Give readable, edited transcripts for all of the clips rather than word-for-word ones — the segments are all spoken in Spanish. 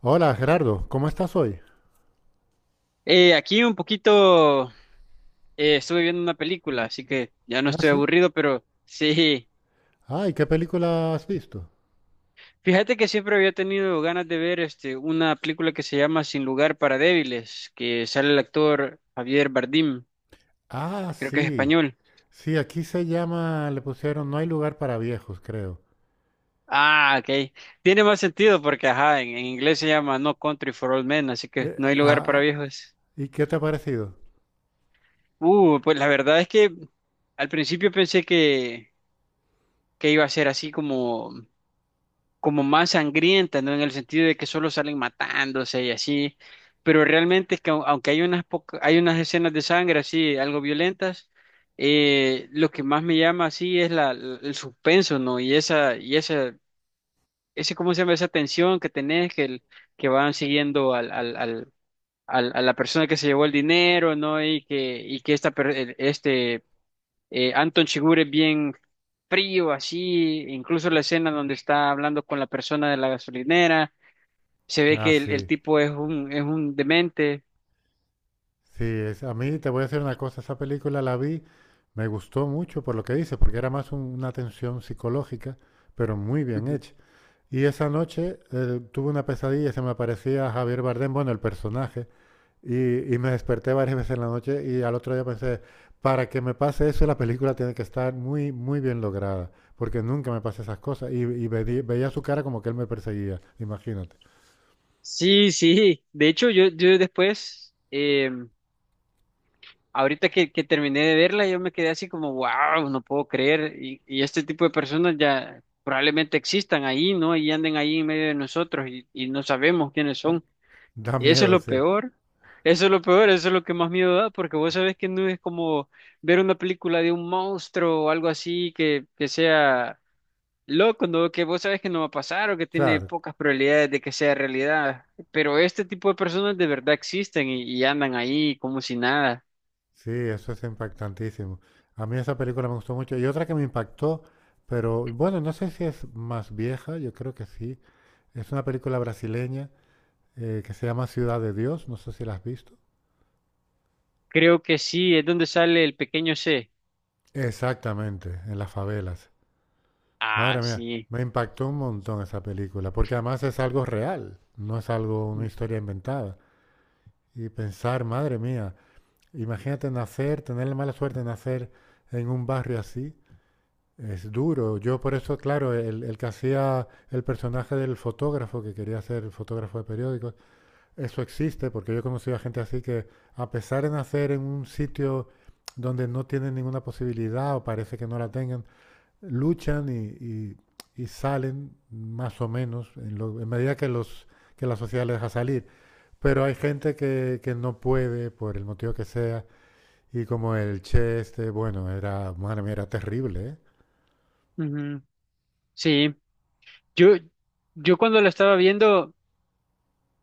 Hola Gerardo, ¿cómo estás hoy? Aquí un poquito estuve viendo una película, así que ya no Ah, estoy sí. aburrido, pero sí. Ay, ¿qué película has visto? Fíjate que siempre había tenido ganas de ver una película que se llama Sin lugar para débiles, que sale el actor Javier Bardem, Ah, creo que es sí. español. Sí, aquí se llama, le pusieron No hay lugar para viejos, creo. Ah, ok. Tiene más sentido porque ajá, en inglés se llama No Country for Old Men, así que Eh, no hay lugar ah, para ah, viejos. ¿Y qué te ha parecido? Pues la verdad es que al principio que iba a ser así como como más sangrienta, ¿no? En el sentido de que solo salen matándose y así, pero realmente es que aunque hay hay unas escenas de sangre así, algo violentas, lo que más me llama así es el suspenso, ¿no? ¿Cómo se llama? Esa tensión que tenés, que van siguiendo a la persona que se llevó el dinero, ¿no? Y que esta, per- el- este, Anton Chigurh es bien frío, así, incluso la escena donde está hablando con la persona de la gasolinera se ve Ah, que el sí. tipo es es un demente. Sí, es, a mí te voy a decir una cosa, esa película la vi, me gustó mucho por lo que dice, porque era más una tensión psicológica, pero muy bien Ujú. hecha. Y esa noche tuve una pesadilla, se me aparecía Javier Bardem, bueno, el personaje. Y me desperté varias veces en la noche y al otro día pensé, para que me pase eso, la película tiene que estar muy, muy bien lograda, porque nunca me pasan esas cosas. Y veía su cara como que él me perseguía, imagínate. Sí, sí. De hecho, yo después, ahorita que terminé de verla, yo me quedé así como, wow, no puedo creer. Y este tipo de personas ya probablemente existan ahí, ¿no? Y anden ahí en medio de nosotros y no sabemos quiénes Y son. Da Eso es miedo, lo sí. peor. Eso es lo peor, eso es lo que más miedo da, porque vos sabés que no es como ver una película de un monstruo o algo así que sea loco, ¿no? Que vos sabes que no va a pasar o que tiene Claro, pocas probabilidades de que sea realidad. Pero este tipo de personas de verdad existen y andan ahí como si nada. sí, eso es impactantísimo. A mí esa película me gustó mucho. Y otra que me impactó, pero bueno, no sé si es más vieja, yo creo que sí. Es una película brasileña que se llama Ciudad de Dios, no sé si la has visto. Creo que sí, es donde sale el pequeño C. Exactamente, en las favelas. Ah, Madre mía, sí. me impactó un montón esa película, porque además es algo real, no es algo, una Mm, historia inventada. Y pensar, madre mía, imagínate nacer, tener la mala suerte de nacer en un barrio así, es duro. Yo por eso, claro, el que hacía el personaje del fotógrafo, que quería ser fotógrafo de periódicos, eso existe, porque yo he conocido a gente así que, a pesar de nacer en un sitio donde no tienen ninguna posibilidad o parece que no la tengan, luchan y, y salen más o menos en, lo, en medida que, los, que la sociedad les deja salir. Pero hay gente que no puede, por el motivo que sea, y como el Che este, bueno, era, madre mía, era terrible, ¿eh? ujú. Sí. Yo, yo cuando la estaba viendo,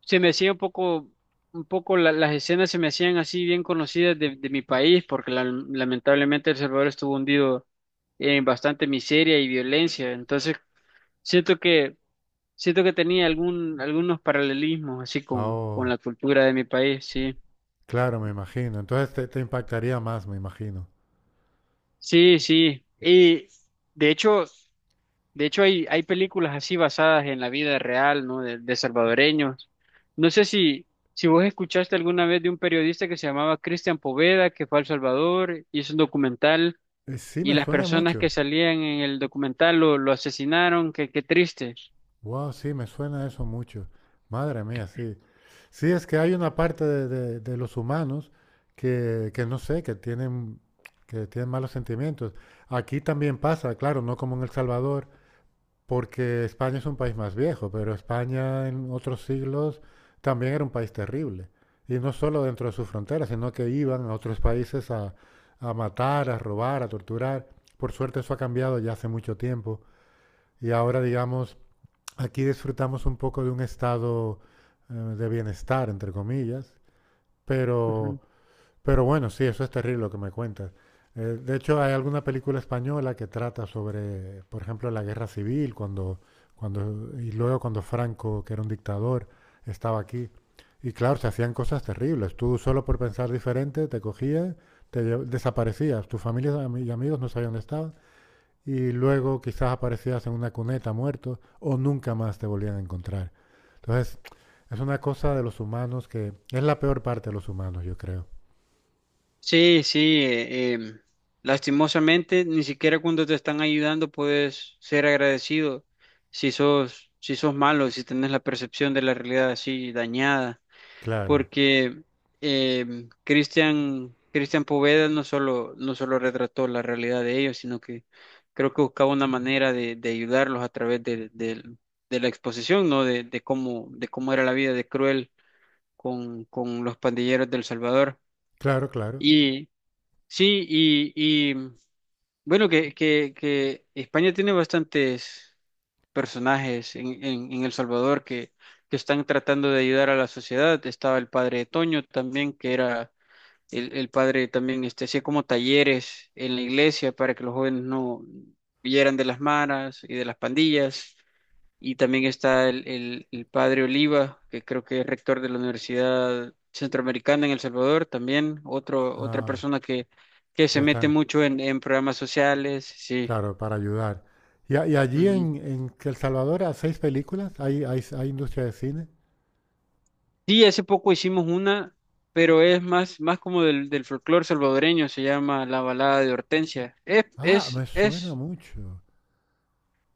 se me hacía un poco las escenas se me hacían así bien conocidas de mi país, porque lamentablemente El Salvador estuvo hundido en bastante miseria y violencia. Entonces, siento que siento que tenía algunos paralelismos así con Oh, la cultura de mi país, sí. claro, me imagino. Entonces te impactaría más, me imagino. Sí, sí. De hecho, de hecho hay, hay películas así basadas en la vida real, ¿no? De salvadoreños. No sé si, si vos escuchaste alguna vez de un periodista que se llamaba Cristian Poveda, que fue a El Salvador, hizo un documental Sí, y me las suena personas que mucho. salían en el documental lo asesinaron, qué triste. Wow, sí, me suena eso mucho. Madre mía, sí. Sí, es que hay una parte de, de los humanos que no sé, que tienen malos sentimientos. Aquí también pasa, claro, no como en El Salvador, porque España es un país más viejo, pero España en otros siglos también era un país terrible. Y no solo dentro de sus fronteras, sino que iban a otros países a matar, a robar, a torturar. Por suerte eso ha cambiado ya hace mucho tiempo. Y ahora, digamos, aquí disfrutamos un poco de un estado de bienestar, entre comillas, pero, pero bueno, sí, eso es terrible lo que me cuentas. De hecho, hay alguna película española que trata sobre, por ejemplo, la guerra civil, cuando, cuando, y luego cuando Franco, que era un dictador, estaba aquí. Y claro, se hacían cosas terribles. Tú solo por pensar diferente te cogían, desaparecías. Tu familia y y amigos no sabían dónde estabas y luego quizás aparecías en una cuneta muerto o nunca más te volvían a encontrar. Entonces, es una cosa de los humanos que es la peor parte de los humanos, yo creo. Sí, sí, eh, em, lastimosamente, ni siquiera cuando te están ayudando puedes ser agradecido si sos, si sos malo, si tenés la percepción de la realidad así dañada, Claro, porque Cristian Poveda no solo retrató la realidad de ellos, sino que creo que buscaba una manera de ayudarlos a través de la exposición, ¿no? De cómo era la vida de cruel con los pandilleros del Salvador. claro, claro. Sí, y, mm, que España tiene bastantes personajes en El Salvador que están tratando de ayudar a la sociedad. Estaba el padre Toño también, que era el padre también, este, hacía como talleres en la iglesia para que los jóvenes no vieran de las maras y de las pandillas. Y también está el padre Oliva, que creo que es rector de la Universidad Centroamericana en El Salvador, también otra Ah, persona que que se mete están, mucho en programas sociales, sí. claro, para ayudar. Y, y allí Ujú. En El Salvador hay seis películas, hay industria de cine. Sí, hace poco hicimos una, pero es más, más como del folclore salvadoreño, se llama La Balada de Hortensia. Ah, me suena mucho.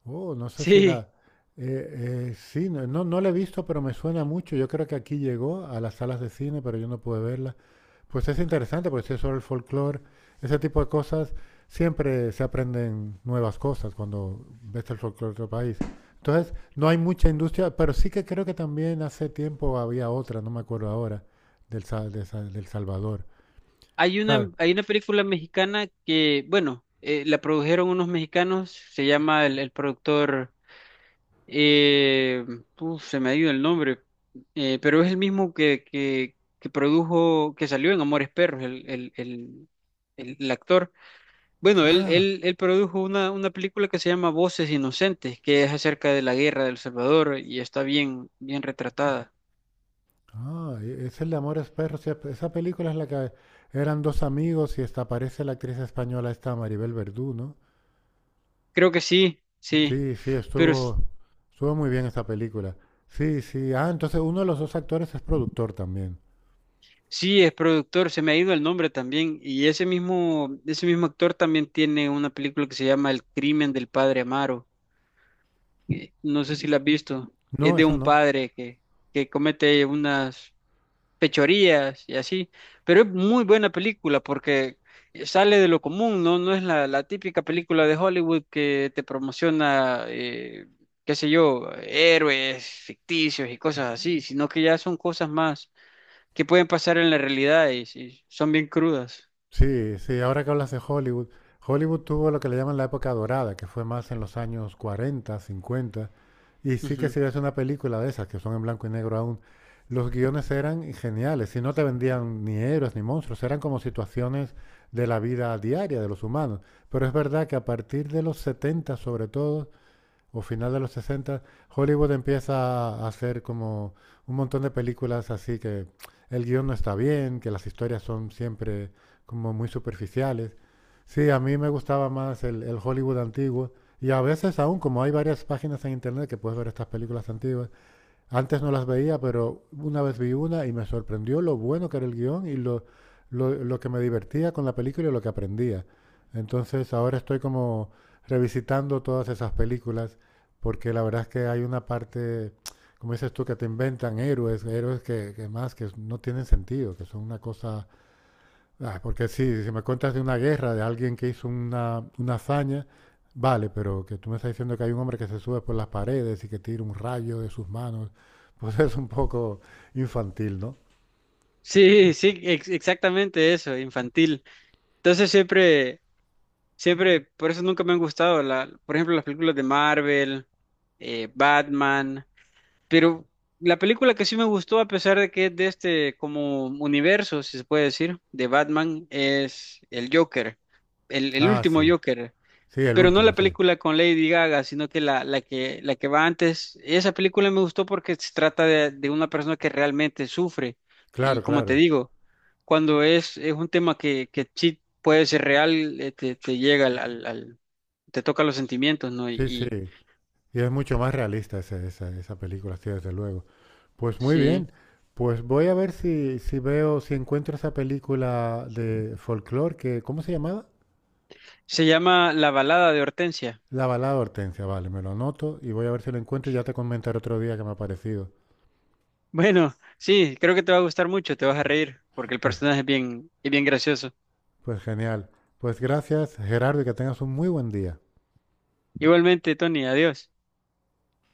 Oh, no sé si Sí. la... sí, no, no, no la he visto, pero me suena mucho. Yo creo que aquí llegó a las salas de cine, pero yo no pude verla. Pues es interesante, porque si es sobre el folclore, ese tipo de cosas, siempre se aprenden nuevas cosas cuando ves el folclore de otro país. Entonces, no hay mucha industria, pero sí que creo que también hace tiempo había otra, no me acuerdo ahora, del, del Salvador. Claro. Hay una película mexicana que, bueno, la produjeron unos mexicanos, se llama el productor. Eh, Uf, se me ha ido el nombre, pero es el mismo que produjo, que salió en Amores Perros, el actor. Bueno, Ah, él produjo una película que se llama Voces Inocentes, que es acerca de la guerra de El Salvador y está bien, bien retratada. ah, es el de Amores Perros. Sí, esa película es la que eran dos amigos y esta aparece la actriz española esta Maribel Verdú, ¿no? Creo que sí, sí, Sí, sí, pero s- estuvo, estuvo muy bien esa película. Sí, sí. Ah, entonces uno de los dos actores es productor también. sí es productor, se me ha ido el nombre también, y ese mismo actor también tiene una película que se llama El crimen del padre Amaro. No sé si la has visto, es No, de esa un no. padre que comete unas fechorías y así, pero es muy buena película porque sale de lo común, ¿no? No es la típica película de Hollywood que te promociona, qué sé yo, héroes ficticios y cosas así, sino que ya son cosas más que pueden pasar en la realidad y son bien crudas. Sí, sí, ahora que hablas de Hollywood, Hollywood tuvo lo que le llaman la época dorada, que fue más en los años 40, 50, y sí que Ujú. si ves una película de esas, que son en blanco y negro aún, los guiones eran geniales, y no te vendían ni héroes ni monstruos, eran como situaciones de la vida diaria de los humanos. Pero es verdad que a partir de los 70 sobre todo, o final de los 60, Hollywood empieza a hacer como un montón de películas así que el guión no está bien, que las historias son siempre como muy superficiales. Sí, a mí me gustaba más el Hollywood antiguo y a veces aún como hay varias páginas en internet que puedes ver estas películas antiguas, antes no las veía, pero una vez vi una y me sorprendió lo bueno que era el guión y lo que me divertía con la película y lo que aprendía. Entonces ahora estoy como revisitando todas esas películas porque la verdad es que hay una parte, como dices tú, que te inventan héroes, héroes que más que no tienen sentido, que son una cosa. Ah, porque sí, si me cuentas de una guerra, de alguien que hizo una hazaña, vale, pero que tú me estás diciendo que hay un hombre que se sube por las paredes y que tira un rayo de sus manos, pues es un poco infantil, ¿no? Sí, sí, exactamente eso, infantil. Entonces siempre Siempre, por eso nunca me han gustado, la, por ejemplo, las películas de Marvel, Batman, pero la película que sí me gustó, a pesar de que es de este como universo, si se puede decir, de Batman, es el Joker, el Ah, último sí, Joker. sí, el Pero no último, la sí. película con Lady Gaga, sino que la, la que va antes. Esa película me gustó porque se trata de una persona que realmente sufre. Claro, Y como claro. te digo, es un tema que sí puede ser real, te llega te toca los sentimientos, ¿no? Sí, sí. Y Y es mucho más realista esa, esa película, sí, desde luego. Pues muy sí. bien. Pues voy a ver si, si veo, si encuentro esa película de folclore que, ¿cómo se llamaba? Se llama La balada de Hortensia. La balada de Hortensia, vale, me lo anoto y voy a ver si lo encuentro y ya te comentaré otro día que me ha parecido. Bueno, sí, creo que te va a gustar mucho, te vas a reír, porque el personaje es bien gracioso. Pues genial. Pues gracias, Gerardo, y que tengas un muy buen día. Igualmente, Tony, adiós.